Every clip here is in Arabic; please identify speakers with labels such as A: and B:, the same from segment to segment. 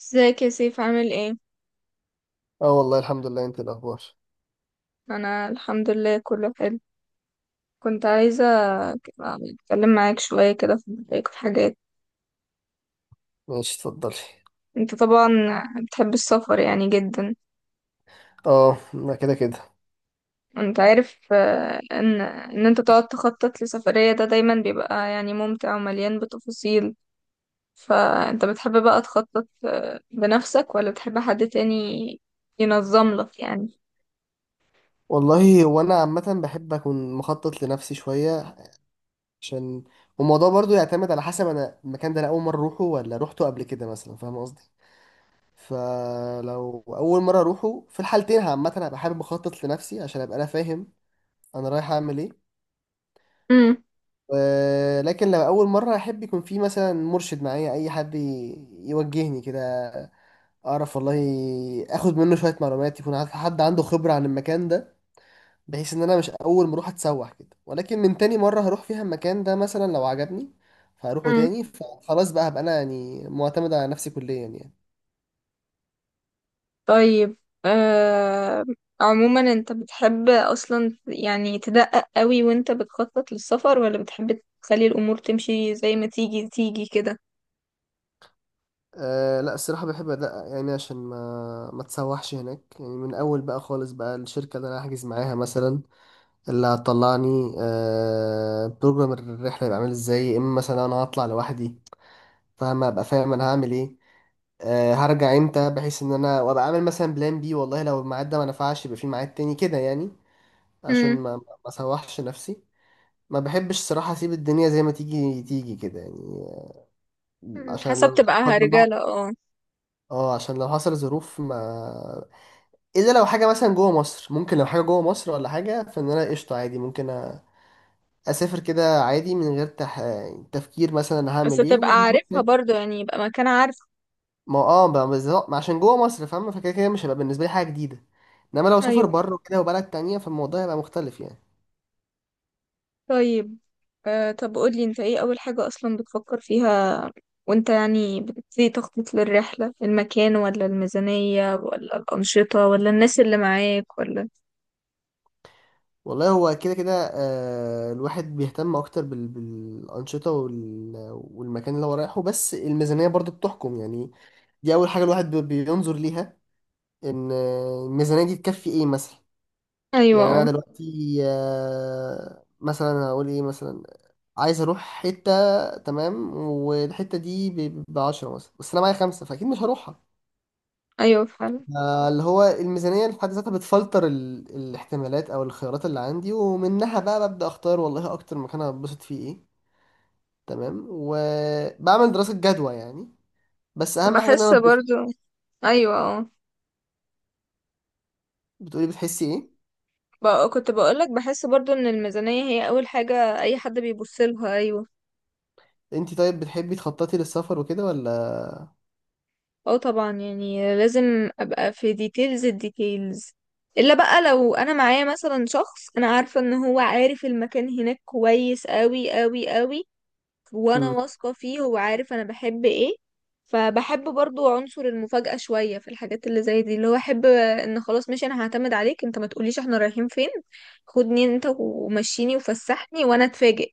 A: ازيك يا سيف، عامل ايه؟
B: اه والله الحمد لله، انت الاخبار؟
A: انا الحمد لله، كله حلو. كنت عايزة اتكلم معاك شوية كده في رأيك في حاجات.
B: ماشي، اتفضلي.
A: انت طبعا بتحب السفر يعني جدا.
B: اه ما كده كده.
A: انت عارف ان انت تقعد تخطط لسفرية ده دايما بيبقى يعني ممتع ومليان بتفاصيل. فانت بتحب بقى تخطط بنفسك ولا بتحب حد تاني ينظم لك يعني؟
B: والله، وانا عامه بحب اكون مخطط لنفسي شويه عشان الموضوع برضو يعتمد على حسب، انا المكان ده انا اول مره اروحه ولا روحته قبل كده مثلا، فاهم قصدي؟ فلو اول مره اروحه، في الحالتين عامه هبقى حابب اخطط لنفسي عشان ابقى انا فاهم انا رايح اعمل ايه.
A: امم.
B: لكن لو اول مره احب يكون في مثلا مرشد معايا، اي حد يوجهني كده، اعرف والله اخد منه شويه معلومات، يكون عارف حد عنده خبره عن المكان ده، بحيث ان انا مش اول ما اروح اتسوح كده، ولكن من تاني مره هروح فيها المكان ده مثلا لو عجبني فهروحه تاني، فخلاص بقى هبقى انا يعني معتمد على نفسي كليا يعني.
A: طيب. آه عموما انت بتحب اصلا يعني تدقق قوي وانت بتخطط للسفر، ولا بتحب تخلي الامور تمشي زي ما تيجي تيجي كده.
B: أه لا، الصراحه بحب ادقق يعني عشان ما اتسوحش هناك يعني من اول بقى خالص. بقى الشركه اللي انا هحجز معاها مثلا، اللي هتطلعني أه بروجرام الرحله، يبقى عامل ازاي، يا اما مثلا انا هطلع لوحدي فاهم، ابقى فاهم انا هعمل ايه، هرجع امتى، بحيث ان انا وابقى عامل مثلا بلان بي، والله لو الميعاد ده ما نفعش يبقى في ميعاد تاني كده يعني، عشان
A: امم.
B: ما اسوحش نفسي. ما بحبش صراحة اسيب الدنيا زي ما تيجي تيجي كده يعني، عشان لو
A: حسب
B: لا
A: تبقى
B: قدر الله.
A: رجالة، اه.
B: اه، عشان لو حصل ظروف ما، الا لو حاجة مثلا جوه مصر، ممكن لو حاجة جوه مصر ولا حاجة، فان انا قشطة عادي، ممكن أ- اسافر كده عادي من غير تفكير مثلا انا
A: بس
B: هعمل ايه
A: تبقى
B: وما.
A: عارفها برضو، يعني يبقى مكان عارف.
B: ما اه بقى بالظبط، ما عشان جوه مصر، فاهم؟ فكده كده مش هيبقى بالنسبه لي حاجه جديده، انما لو سافر
A: ايوه.
B: بره كده وبلد تانية، فالموضوع هيبقى مختلف يعني.
A: طيب. طب قولي انت ايه اول حاجة اصلا بتفكر فيها، وانت يعني بتبتدي تخطط للرحلة، المكان ولا الميزانية ولا الأنشطة ولا الناس اللي معاك ولا؟
B: والله هو كده كده، آه، الواحد بيهتم اكتر بالانشطه والمكان اللي هو رايحه، بس الميزانيه برضو بتحكم يعني. دي اول حاجه الواحد بينظر ليها، ان الميزانيه دي تكفي ايه مثلا.
A: ايوه،
B: يعني انا
A: اه.
B: دلوقتي مثلا هقول ايه، مثلا عايز اروح حته تمام، والحته دي ب 10 مثلا، بس انا معايا خمسه، فاكيد مش هروحها.
A: ايوه فعلا.
B: اللي هو الميزانية اللي في حد ذاتها بتفلتر الاحتمالات أو الخيارات اللي عندي، ومنها بقى ببدأ أختار، والله أكتر مكان هتبسط فيه إيه. تمام، وبعمل دراسة جدوى يعني، بس أهم حاجة إن
A: بحس
B: أنا أتبسط.
A: برضو. ايوه، اه.
B: بتقولي بتحسي إيه؟
A: كنت بقولك بحس برضو ان الميزانية هي اول حاجة اي حد بيبص لها. ايوه،
B: أنت طيب بتحبي تخططي للسفر وكده ولا؟
A: اه طبعا، يعني لازم ابقى في ديتيلز الديتيلز. الا بقى لو انا معايا مثلا شخص انا عارفة ان هو عارف المكان هناك كويس قوي قوي قوي، وانا
B: امم
A: واثقة فيه، هو عارف انا بحب ايه. فبحب برضو عنصر المفاجأة شوية في الحاجات اللي زي دي، اللي هو احب ان خلاص ماشي، انا هعتمد عليك انت، ما تقوليش احنا رايحين فين. خدني انت ومشيني وفسحني وانا اتفاجئ.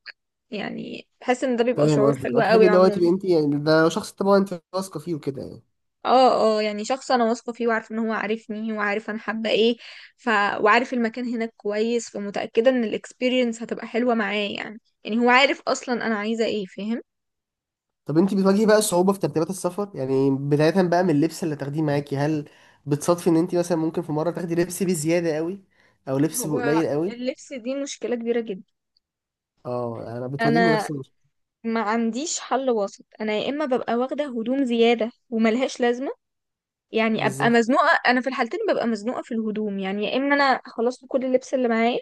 A: يعني بحس ان ده بيبقى
B: فاهم
A: شعور
B: قصدك،
A: حلو
B: أه تحبي
A: قوي
B: اللي هو تبقي
A: عموما.
B: أنت يعني، ده لو شخص طبعا أنت واثقة فيه وكده يعني.
A: اه، اه، يعني شخص انا واثقة فيه، وعارف ان هو عارفني وعارف انا حابة ايه. ف وعارف المكان هناك كويس، فمتأكدة ان الاكسبيرينس هتبقى حلوة معاه، يعني هو عارف اصلا انا عايزة ايه، فاهم.
B: طب انت بتواجهي بقى صعوبة في ترتيبات السفر، يعني بداية بقى من اللبس اللي تاخديه معاكي، هل بتصادفي ان انت مثلا ممكن في مرة تاخدي لبس بزيادة قوي او لبس
A: هو
B: بقليل قوي؟
A: اللبس دي مشكلة كبيرة جدا.
B: اه انا بتواجهني
A: انا
B: نفس المشكلة
A: ما عنديش حل وسط، انا يا اما ببقى واخدة هدوم زيادة وملهاش لازمة، يعني ابقى
B: بالظبط.
A: مزنوقة. انا في الحالتين ببقى مزنوقة في الهدوم، يعني يا اما انا خلصت كل اللبس اللي معايا،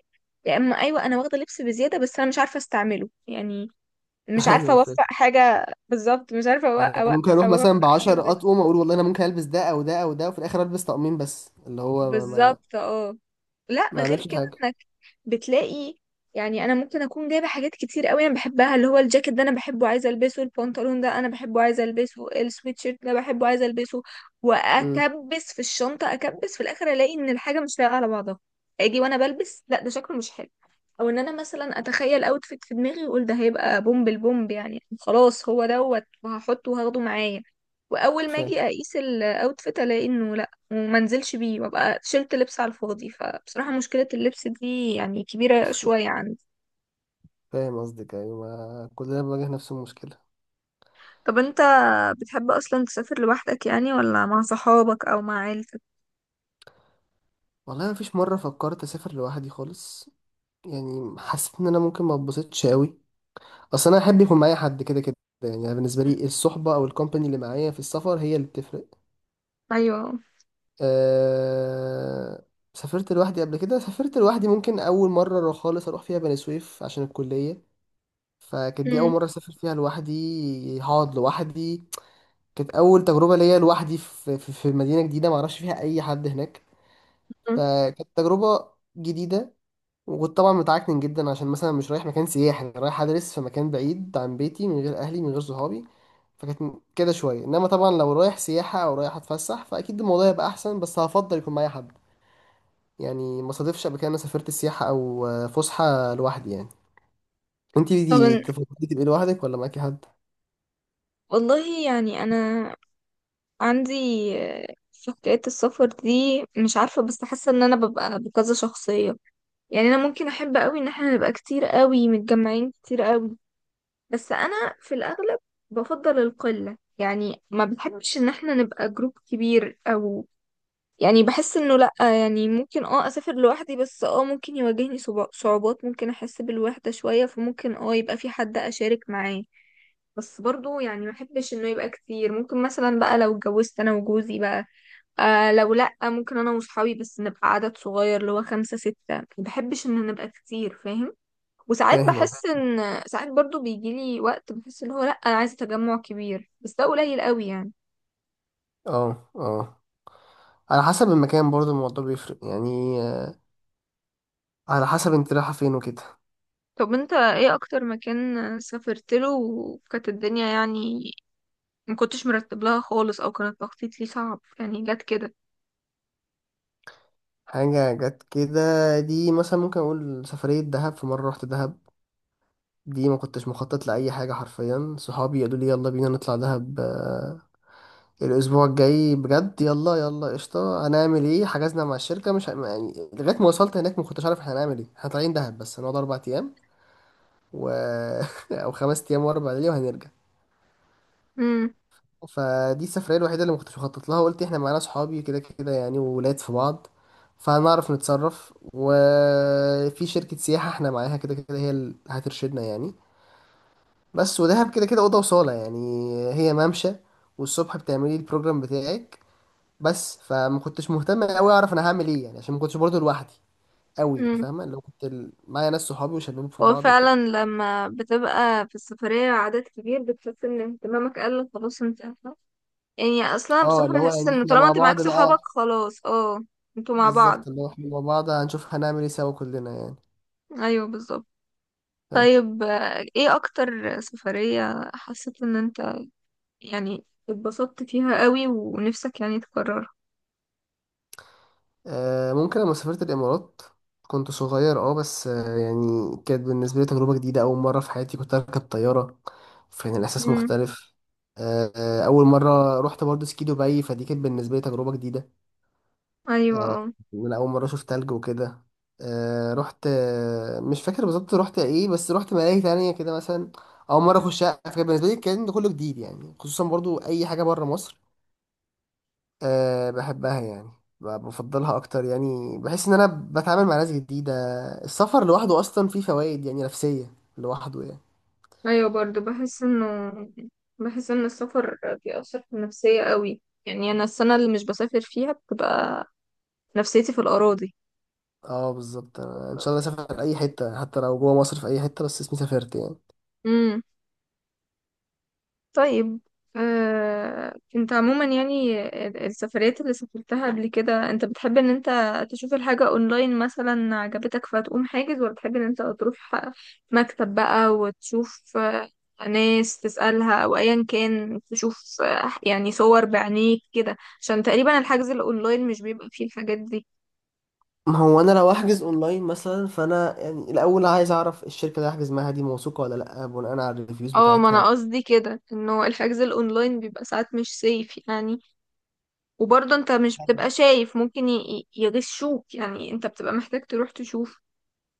A: يا اما ايوه انا واخدة لبس بزيادة بس انا مش عارفة استعمله يعني. مش عارفة
B: ايوه
A: اوفق
B: فاهم،
A: حاجة بالظبط، مش عارفة
B: يعني
A: اوفق
B: أنا ممكن اروح
A: اوفق
B: مثلا ب
A: حاجة
B: 10
A: لبس.
B: اطقم، اقول والله انا ممكن البس ده او ده او ده، وفي الاخر البس طقمين بس، اللي هو
A: بالظبط، اه. لا،
B: ما
A: غير
B: اعملش
A: كده.
B: حاجة.
A: بتلاقي يعني انا ممكن اكون جايبه حاجات كتير قوي انا بحبها، اللي هو الجاكيت ده انا بحبه عايزه البسه، البنطلون ده انا بحبه عايزه البسه، السويتشيرت ده بحبه عايزه البسه.
B: امم
A: واكبس في الشنطه، اكبس في الاخر الاقي ان الحاجه مش لايقه على بعضها. اجي وانا بلبس، لا ده شكله مش حلو. او ان انا مثلا اتخيل اوتفيت في دماغي واقول ده هيبقى بومب البومب، يعني خلاص هو دوت وهحطه وهاخده معايا. واول ما
B: فاهم
A: اجي اقيس الاوتفيت الاقي انه وما انزلش بيه، وابقى شلت لبس على الفاضي، فبصراحة مشكلة اللبس دي يعني كبيرة شوية عندي.
B: فاهم قصدك، ايوه، ما كلنا بنواجه نفس المشكلة.
A: طب انت بتحب اصلا تسافر لوحدك يعني، ولا مع صحابك او مع عيلتك؟
B: والله ما فيش مرة فكرت اسافر لوحدي خالص، يعني حسيت ان انا ممكن ما اتبسطش قوي، اصل انا احب يكون معايا حد كده كده يعني. أنا بالنسبه لي الصحبه او الكومباني اللي معايا في السفر هي اللي بتفرق.
A: ايوه.
B: أه... سافرت لوحدي قبل كده، سافرت لوحدي ممكن اول مره خالص اروح فيها بني سويف عشان الكليه، فكانت دي اول
A: مم.
B: مره اسافر فيها لوحدي، هقعد لوحدي. كانت اول تجربه ليا لوحدي في في مدينه جديده ما اعرفش فيها اي حد هناك،
A: مم.
B: فكانت تجربه جديده. وكنت طبعا متعكن جدا عشان مثلا مش رايح مكان سياحي، أنا رايح ادرس في مكان بعيد عن بيتي، من غير اهلي، من غير صحابي، فكانت كده شويه. انما طبعا لو رايح سياحه او رايح اتفسح فاكيد الموضوع يبقى احسن، بس هفضل يكون معايا حد يعني. ما صادفش قبل كده انا سافرت السياحه او فسحه لوحدي يعني. انتي
A: طب
B: دي تفضلي تبقي لوحدك ولا معاكي حد؟
A: والله يعني انا عندي، في حكاية السفر دي مش عارفة، بس حاسة ان انا ببقى بكذا شخصية. يعني انا ممكن احب قوي ان احنا نبقى كتير قوي، متجمعين كتير قوي. بس انا في الاغلب بفضل القلة، يعني ما بحبش ان احنا نبقى جروب كبير، او يعني بحس انه لا. يعني ممكن اه اسافر لوحدي، بس اه ممكن يواجهني صعوبات، ممكن احس بالوحدة شوية، فممكن اه يبقى في حد اشارك معاه. بس برضو يعني ما بحبش انه يبقى كتير. ممكن مثلا بقى لو اتجوزت انا وجوزي بقى، آه، لو لا ممكن انا وصحابي بس نبقى عدد صغير، اللي هو خمسة ستة. ما بحبش ان نبقى كتير، فاهم. وساعات
B: فاهم اهو.
A: بحس ان ساعات برضو بيجيلي وقت بحس ان هو لا، انا عايزه تجمع كبير، بس ده قليل قوي يعني.
B: اه اه، على حسب المكان برضه الموضوع بيفرق يعني، على حسب انت رايحه فين وكده.
A: طب انت ايه اكتر مكان سافرت له وكانت الدنيا يعني ما كنتش مرتب لها خالص، او كانت تخطيط ليه صعب يعني، جت كده؟
B: حاجه جت كده، دي مثلا ممكن اقول سفريه دهب، في مره رحت دهب، دي ما كنتش مخطط لأي حاجة حرفيا. صحابي قالوا لي يلا بينا نطلع دهب الأسبوع الجاي بجد، يلا يلا، قشطة، هنعمل ايه. حجزنا مع الشركة، مش ه- يعني لغاية ما وصلت هناك ما كنتش عارف احنا هنعمل ايه، احنا طالعين دهب بس، هنقعد أربع أيام و... أو خمس أيام وأربع ليالي، وهنرجع.
A: امم.
B: فدي السفرية الوحيدة اللي ما كنتش مخطط لها، قلت احنا معانا صحابي كده كده يعني، وولاد في بعض، فهنعرف نتصرف، وفي شركة سياحة احنا معاها كده كده، هي اللي هترشدنا يعني. بس ودهب كده كده اوضه وصاله يعني، هي ممشى، والصبح بتعملي البروجرام بتاعك بس، فما كنتش مهتم قوي اعرف انا هعمل ايه يعني، عشان ما كنتش برضه لوحدي قوي،
A: امم.
B: فاهمه؟ لو كنت معايا ناس، صحابي وشلهم في
A: هو
B: بعض وكده.
A: فعلا لما بتبقى في السفرية عدد كبير بتحس ان اهتمامك قل خلاص، انت عارفة. يعني اصلا
B: اه
A: بصراحة
B: اللي هو
A: بحس
B: يعني
A: ان
B: احنا
A: طالما
B: مع
A: انت معاك
B: بعض بقى،
A: صحابك خلاص، اه. انتوا مع بعض.
B: بالظبط، اللي هو احنا مع بعض هنشوف هنعمل ايه سوا كلنا يعني.
A: ايوه بالظبط. طيب، ايه اكتر سفرية حسيت ان انت يعني اتبسطت فيها قوي ونفسك يعني تكررها؟
B: ممكن لما سافرت الإمارات، كنت صغير اه بس، يعني كانت بالنسبة لي تجربة جديدة، أول مرة في حياتي كنت أركب طيارة، فكان الإحساس
A: امم.
B: مختلف. أول مرة رحت برضه سكي دبي، فدي كانت بالنسبة لي تجربة جديدة،
A: ايوه،
B: آه،
A: اه.
B: من أول مرة أشوف تلج وكده. رحت مش فاكر بالظبط رحت إيه، بس رحت ملاهي تانية كده مثلا، أول مرة أخشها، فكان بالنسبة لي الكلام ده كله جديد يعني، خصوصا برضه أي حاجة بره مصر أه بحبها يعني، بفضلها اكتر يعني، بحس ان انا بتعامل مع ناس جديده. السفر لوحده اصلا فيه فوائد يعني نفسيه لوحده يعني.
A: ايوه برضو بحس انه، بحس ان السفر بيأثر في النفسية قوي، يعني انا السنة اللي مش بسافر فيها بتبقى نفسيتي في الأراضي.
B: اه بالظبط، أنا ان شاء الله اسافر اي حته، حتى لو جوه مصر في اي حته، بس اسمي سافرت يعني.
A: طيب، انت عموما يعني السفريات اللي سافرتها قبل كده انت بتحب ان انت تشوف الحاجة اونلاين مثلا عجبتك فتقوم حاجز، ولا بتحب ان انت تروح مكتب بقى وتشوف ناس تسألها او ايا كان، تشوف يعني صور بعينيك كده، عشان تقريبا الحجز الاونلاين مش بيبقى فيه الحاجات دي؟
B: ما هو انا لو احجز اونلاين مثلا، فانا يعني الاول عايز اعرف الشركه اللي هحجز معاها دي موثوقه ولا لا، بناء على الريفيوز
A: اه، ما
B: بتاعتها.
A: انا قصدي كده انه الحجز الاونلاين بيبقى ساعات مش سيف يعني، وبرضه انت مش بتبقى شايف، ممكن يغشوك يعني، انت بتبقى محتاج تروح تشوف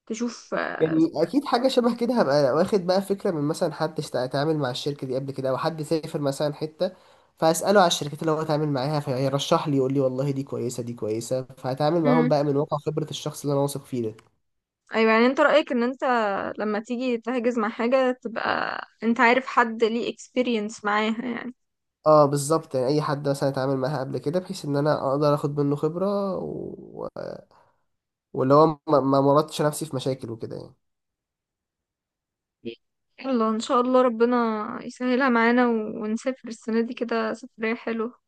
A: تشوف
B: يعني
A: آه،
B: اكيد حاجه شبه كده، هبقى واخد بقى فكره من مثلا حد اتعامل مع الشركه دي قبل كده، او حد سافر مثلا حته، فاساله على الشركات اللي هو اتعامل معاها، فيرشح لي يقول لي والله دي كويسه دي كويسه، فهتعامل معاهم
A: امم.
B: بقى من واقع خبره الشخص اللي انا واثق فيه ده.
A: ايوه، يعني انت رأيك ان انت لما تيجي تحجز مع حاجة تبقى انت عارف حد ليه اكسبيرينس معاها يعني.
B: اه بالظبط، يعني اي حد مثلا اتعامل معاها قبل كده، بحيث ان انا اقدر اخد منه خبره واللي هو ما مرضتش نفسي في مشاكل وكده يعني.
A: الله، ان شاء الله ربنا يسهلها معانا ونسافر السنة دي كده سفرية حلوة.